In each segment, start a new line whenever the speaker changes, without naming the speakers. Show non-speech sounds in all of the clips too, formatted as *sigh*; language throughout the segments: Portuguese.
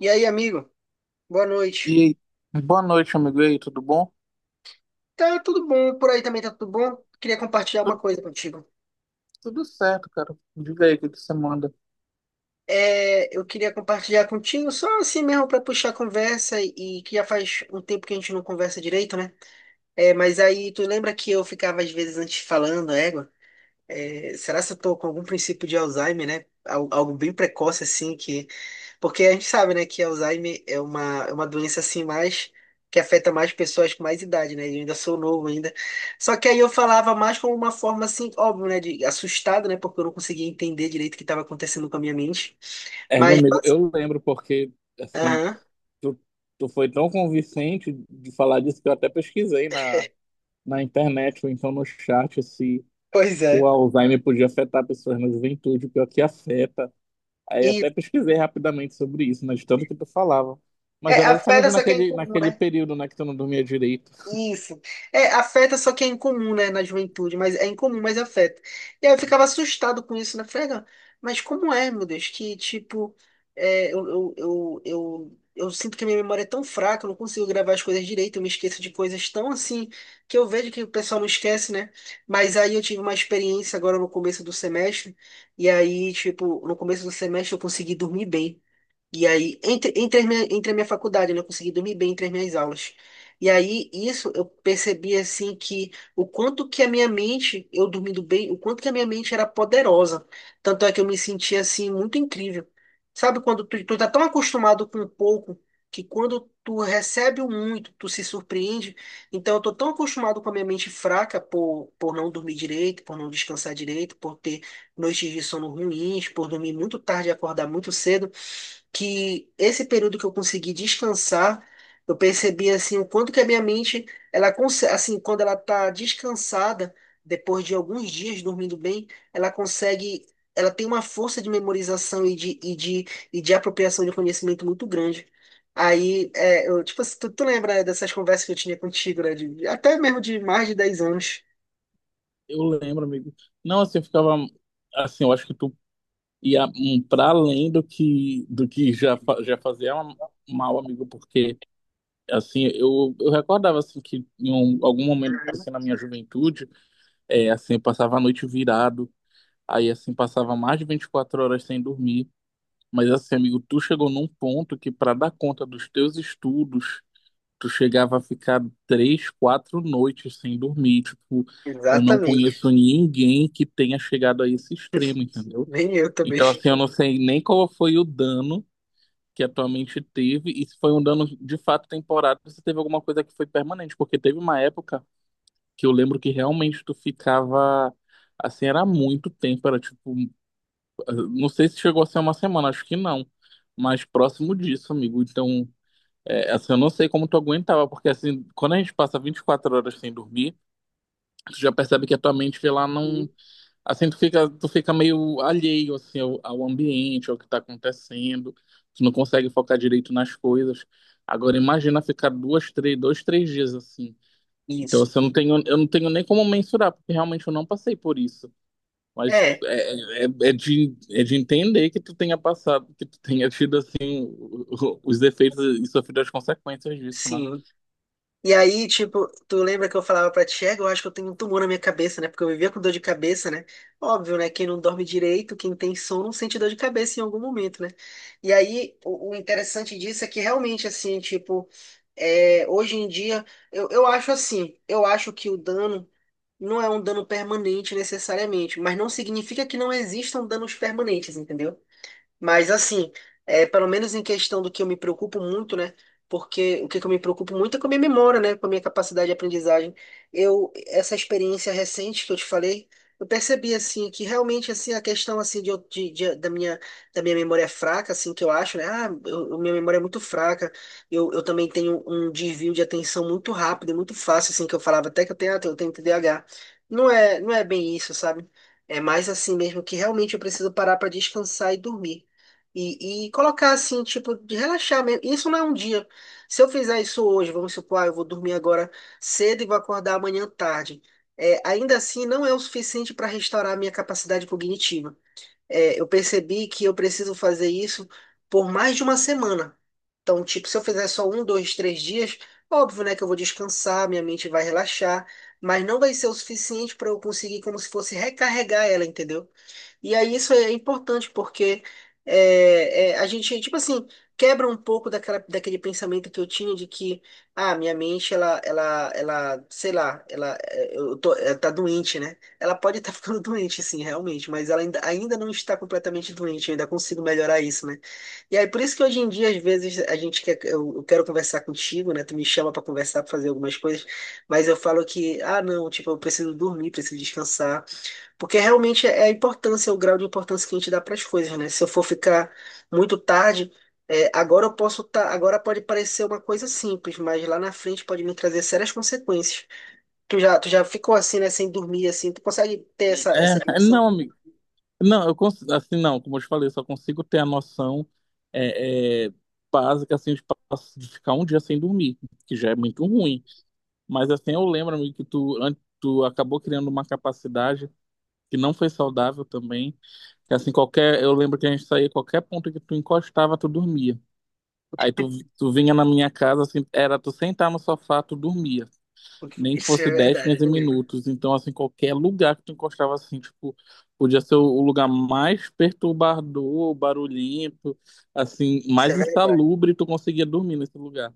E aí, amigo? Boa noite.
E aí, boa noite, amigo. E aí, tudo bom?
Tá tudo bom, por aí também tá tudo bom. Queria compartilhar uma
Tudo,
coisa contigo.
tudo certo, cara. Diga aí o que que você manda.
É, eu queria compartilhar contigo só assim mesmo para puxar a conversa e que já faz um tempo que a gente não conversa direito, né? É, mas aí tu lembra que eu ficava às vezes antes falando, é, égua? É, será se eu tô com algum princípio de Alzheimer, né? Algo bem precoce assim que. Porque a gente sabe, né, que Alzheimer é uma doença assim mais que afeta mais pessoas com mais idade, né? Eu ainda sou novo ainda. Só que aí eu falava mais como uma forma assim, óbvio, né, de assustado, né, porque eu não conseguia entender direito o que estava acontecendo com a minha mente.
É, meu
Mas,
amigo, eu lembro porque, assim,
aham,
tu, tu foi tão convincente de falar disso que eu até pesquisei na internet ou então no chat se,
pois
se o
é.
Alzheimer podia afetar pessoas na juventude, pior que afeta. Aí
E
até pesquisei rapidamente sobre isso, né, de tanto que tu falava. Mas
é,
era
afeta
justamente
só que é
naquele,
incomum,
naquele
né?
período, né, que tu não dormia direito.
Isso. É, afeta só que é incomum, né, na juventude, mas é incomum, mas afeta. E aí eu ficava assustado com isso, né? Falei, "Ah, mas como é, meu Deus, que tipo, eu sinto que a minha memória é tão fraca, eu não consigo gravar as coisas direito, eu me esqueço de coisas tão assim, que eu vejo que o pessoal não esquece, né? Mas aí eu tive uma experiência agora no começo do semestre, e aí, tipo, no começo do semestre eu consegui dormir bem. E aí, entre entre a minha faculdade, né, eu consegui dormir bem entre as minhas aulas. E aí, isso eu percebi assim que o quanto que a minha mente, eu dormindo bem, o quanto que a minha mente era poderosa. Tanto é que eu me sentia assim muito incrível. Sabe quando tu tá tão acostumado com pouco que quando tu recebe o muito, tu se surpreende. Então eu tô tão acostumado com a minha mente fraca por não dormir direito, por não descansar direito, por ter noites de sono ruins, por dormir muito tarde e acordar muito cedo, que esse período que eu consegui descansar, eu percebi assim o quanto que a minha mente, ela consegue, assim, quando ela tá descansada, depois de alguns dias dormindo bem, ela consegue, ela tem uma força de memorização e de apropriação de conhecimento muito grande. Aí, tipo, assim, tu lembra dessas conversas que eu tinha contigo, né? Até mesmo de mais de 10 anos.
Eu lembro, amigo. Não, assim, eu ficava, assim, eu acho que tu. Para além do que já, já fazia é um mal, amigo, porque assim, eu recordava assim, que em algum momento assim, na minha juventude, é, assim, eu passava a noite virado, aí assim, passava mais de 24 horas sem dormir. Mas assim, amigo, tu chegou num ponto que para dar conta dos teus estudos, tu chegava a ficar 3, 4 noites sem dormir. Tipo, eu não
Exatamente.
conheço ninguém que tenha chegado a esse extremo, entendeu?
Nem eu também.
Então, assim, eu não sei nem qual foi o dano que a tua mente teve e se foi um dano de fato temporário, se teve alguma coisa que foi permanente, porque teve uma época que eu lembro que realmente tu ficava assim, era muito tempo, era tipo, não sei se chegou a ser uma semana, acho que não, mas próximo disso, amigo. Então, é, assim, eu não sei como tu aguentava, porque assim, quando a gente passa 24 horas sem dormir, tu já percebe que a tua mente ela não. Assim, tu fica meio alheio, assim, ao ambiente, ao que está acontecendo. Tu não consegue focar direito nas coisas. Agora, imagina ficar 2, 3, 2, 3 dias assim. Então,
Isso.
assim, eu não tenho nem como mensurar, porque realmente eu não passei por isso. Mas
É,
é de entender que tu tenha passado, que tu tenha tido, assim, os efeitos e sofrido as consequências disso, né?
sim. E aí, tipo, tu lembra que eu falava pra ti, "É, eu acho que eu tenho um tumor na minha cabeça, né? Porque eu vivia com dor de cabeça, né? Óbvio, né? Quem não dorme direito, quem tem sono, sente dor de cabeça em algum momento, né? E aí, o interessante disso é que realmente, assim, tipo, é, hoje em dia, eu acho assim, eu acho que o dano não é um dano permanente necessariamente, mas não significa que não existam danos permanentes, entendeu? Mas assim, é, pelo menos em questão do que eu me preocupo muito, né? Porque o que que eu me preocupo muito é com a minha memória, né? Com a minha capacidade de aprendizagem. Eu, essa experiência recente que eu te falei, eu percebi assim que realmente assim a questão assim de, eu- de- da minha memória é fraca, assim que eu acho, né? Minha memória é muito fraca. Eu também tenho um desvio de atenção muito rápido, e muito fácil, assim que eu falava até que eu tenho, eu tenho TDAH. Não é, não é bem isso, sabe? É mais assim mesmo que realmente eu preciso parar para descansar e dormir. E colocar assim, tipo, de relaxar mesmo. Isso não é um dia. Se eu fizer isso hoje, vamos supor, eu vou dormir agora cedo e vou acordar amanhã tarde. É, ainda assim, não é o suficiente para restaurar a minha capacidade cognitiva. É, eu percebi que eu preciso fazer isso por mais de uma semana. Então, tipo, se eu fizer só um, dois, três dias, óbvio, né, que eu vou descansar, minha mente vai relaxar, mas não vai ser o suficiente para eu conseguir, como se fosse recarregar ela, entendeu? E aí isso é importante porque a gente, tipo assim, quebra um pouco daquela, daquele pensamento que eu tinha de que, ah, minha mente, sei lá, ela, é, eu tô, ela tá doente, né? Ela pode estar *laughs* ficando doente, sim, realmente, mas ela ainda, ainda não está completamente doente, eu ainda consigo melhorar isso, né? E aí, por isso que hoje em dia, às vezes, eu quero conversar contigo, né? Tu me chama para conversar, para fazer algumas coisas, mas eu falo que, ah, não, tipo, eu preciso dormir, preciso descansar, porque realmente é a importância, o grau de importância que a gente dá para as coisas, né? Se eu for ficar muito tarde, é, agora eu posso tá, agora pode parecer uma coisa simples, mas lá na frente pode me trazer sérias consequências. Tu já ficou assim, né, sem dormir, assim, tu consegue ter essa, essa dimensão?
Não, amigo. Não, eu assim não, como eu te falei, eu só consigo ter a noção é, é, básica assim de, de ficar um dia sem dormir, que já é muito ruim. Mas assim eu lembro, amigo, que tu acabou criando uma capacidade que não foi saudável também. Que assim qualquer, eu lembro que a gente saía qualquer ponto que tu encostava, tu dormia. Aí tu vinha na minha casa assim, era tu sentar no sofá, tu dormia nem que
Isso
fosse
é
10,
verdade,
15
não lembro.
minutos. Então, assim, qualquer lugar que tu encostava, assim, tipo, podia ser o lugar mais perturbador, barulhento, assim,
Isso é
mais
verdade.
insalubre, tu conseguia dormir nesse lugar.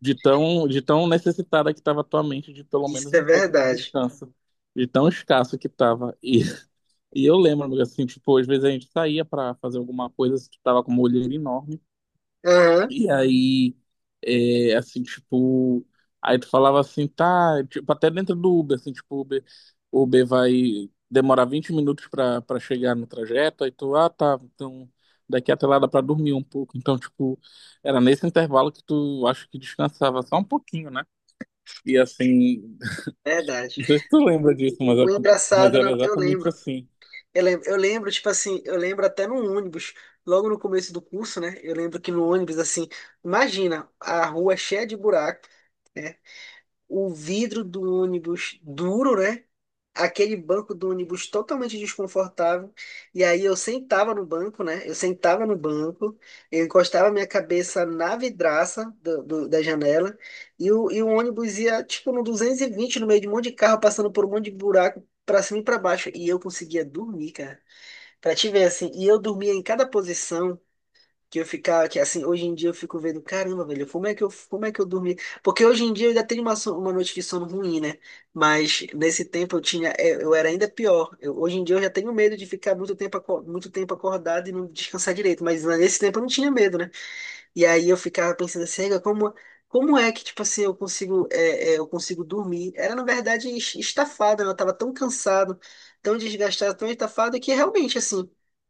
De tão necessitada que estava a tua mente de pelo menos
Isso é
um pouco de
verdade.
descanso. De tão escasso que estava. E eu lembro, assim, tipo, às vezes a gente saía para fazer alguma coisa, assim, tu tava com uma olheira enorme.
Aham,
E aí, é, assim, tipo, aí tu falava assim, tá, tipo, até dentro do Uber, assim, tipo, o Uber vai demorar 20 minutos pra chegar no trajeto, aí tu, ah, tá, então daqui até lá dá pra dormir um pouco. Então, tipo, era nesse intervalo que tu, acho que descansava só um pouquinho, né? E assim, *laughs*
verdade.
não sei se tu lembra
O,
disso, mas,
o
mas
engraçado,
era
não, eu
exatamente
lembro.
assim.
Eu lembro, eu lembro, tipo assim, eu lembro até no ônibus, logo no começo do curso, né? Eu lembro que no ônibus, assim, imagina, a rua é cheia de buraco, o vidro do ônibus duro, né? Aquele banco do ônibus totalmente desconfortável. E aí eu sentava no banco, né? Eu sentava no banco, eu encostava minha cabeça na vidraça da janela, e o ônibus ia, tipo, no 220 no meio de um monte de carro, passando por um monte de buraco, pra cima e pra baixo. E eu conseguia dormir. Pra te ver, assim, e eu dormia em cada posição que eu ficava, que assim, hoje em dia eu fico vendo, caramba, velho, como é que eu dormi? Porque hoje em dia eu ainda tenho uma, uma noite de sono ruim, né? Mas nesse tempo eu tinha, é, eu era ainda pior. Hoje em dia eu já tenho medo de ficar muito tempo, muito tempo acordado e não descansar direito, mas nesse tempo eu não tinha medo, né? E aí eu ficava pensando assim, "Ega, como é que, tipo assim, eu consigo dormir? Era, na verdade, estafado, né? Eu tava tão cansado, tão desgastado, tão estafado, que realmente, assim,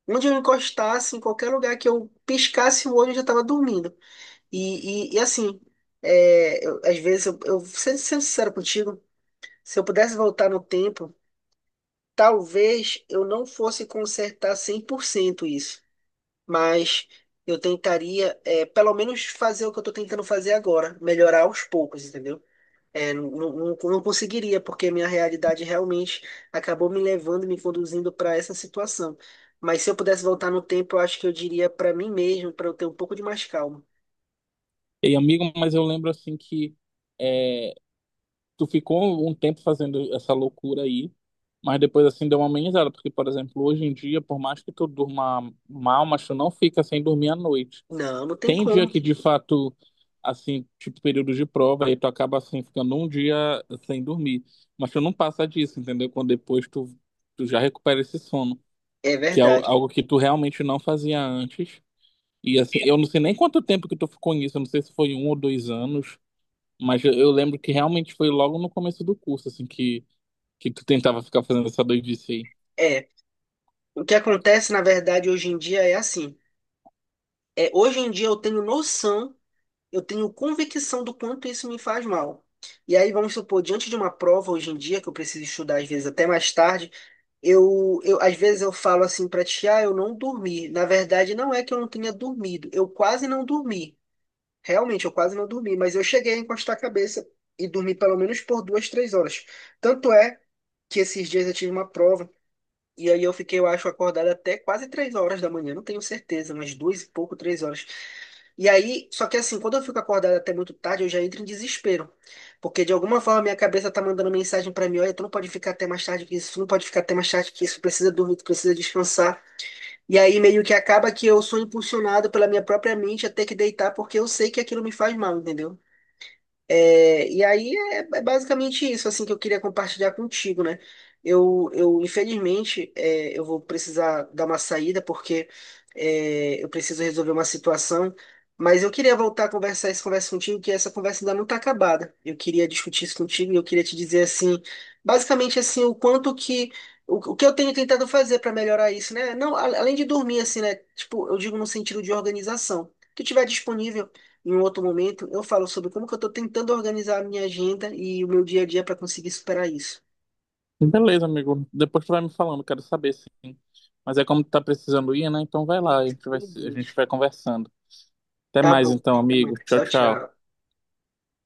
onde eu encostasse, em qualquer lugar que eu piscasse o olho, eu já tava dormindo. Assim, às vezes, eu sendo, sendo sincero contigo, se eu pudesse voltar no tempo, talvez eu não fosse consertar 100% isso, mas eu tentaria, pelo menos, fazer o que eu tô tentando fazer agora, melhorar aos poucos, entendeu? É, não conseguiria, porque a minha realidade realmente acabou me levando, me conduzindo para essa situação. Mas se eu pudesse voltar no tempo, eu acho que eu diria para mim mesmo, para eu ter um pouco de mais calma.
E amigo, mas eu lembro assim que é, tu ficou um tempo fazendo essa loucura aí, mas depois assim deu uma amenizada, porque, por exemplo, hoje em dia, por mais que tu durma mal, mas tu não fica sem dormir à noite.
Não, não tem
Tem dia
como.
que de fato, assim, tipo período de prova, aí tu acaba assim ficando um dia sem dormir, mas tu não passa disso, entendeu? Quando depois tu já recupera esse sono,
É
que é
verdade.
algo que tu realmente não fazia antes. E assim, eu não sei nem quanto tempo que tu ficou nisso, eu não sei se foi 1 ou 2 anos. Mas eu lembro que realmente foi logo no começo do curso, assim, que tu tentava ficar fazendo essa doidice aí.
É, o que acontece, na verdade, hoje em dia é assim. É, hoje em dia eu tenho noção, eu tenho convicção do quanto isso me faz mal. E aí, vamos supor, diante de uma prova hoje em dia, que eu preciso estudar às vezes até mais tarde, eu às vezes eu falo assim para ti, ah, eu não dormi. Na verdade, não é que eu não tenha dormido, eu quase não dormi. Realmente, eu quase não dormi, mas eu cheguei a encostar a cabeça e dormi pelo menos por duas, três horas. Tanto é que esses dias eu tive uma prova. E aí eu fiquei, eu acho, acordado até quase três horas da manhã, não tenho certeza, mas duas e pouco, três horas. E aí, só que assim, quando eu fico acordado até muito tarde, eu já entro em desespero. Porque de alguma forma minha cabeça tá mandando mensagem pra mim, olha, tu não pode ficar até mais tarde que isso, tu não pode ficar até mais tarde que isso, tu precisa dormir, tu precisa descansar. E aí meio que acaba que eu sou impulsionado pela minha própria mente até que deitar, porque eu sei que aquilo me faz mal, entendeu? E aí basicamente isso assim que eu queria compartilhar contigo, né? Eu infelizmente eu vou precisar dar uma saída porque eu preciso resolver uma situação, mas eu queria voltar a conversar essa conversa contigo, que essa conversa ainda não está acabada. Eu queria discutir isso contigo e eu queria te dizer assim, basicamente assim, o quanto que o que eu tenho tentado fazer para melhorar isso, né? Não, além de dormir assim, né? Tipo, eu digo no sentido de organização. O que tiver disponível em um outro momento, eu falo sobre como que eu estou tentando organizar a minha agenda e o meu dia a dia para conseguir superar isso.
Beleza, amigo. Depois tu vai me falando, quero saber, sim. Mas é como tu tá precisando ir, né? Então vai lá,
E,
a gente vai,
meu
a gente
Deus.
vai conversando. Até
Tá
mais
bom.
então,
Até mais.
amigo. Tchau,
Tchau,
tchau.
tchau.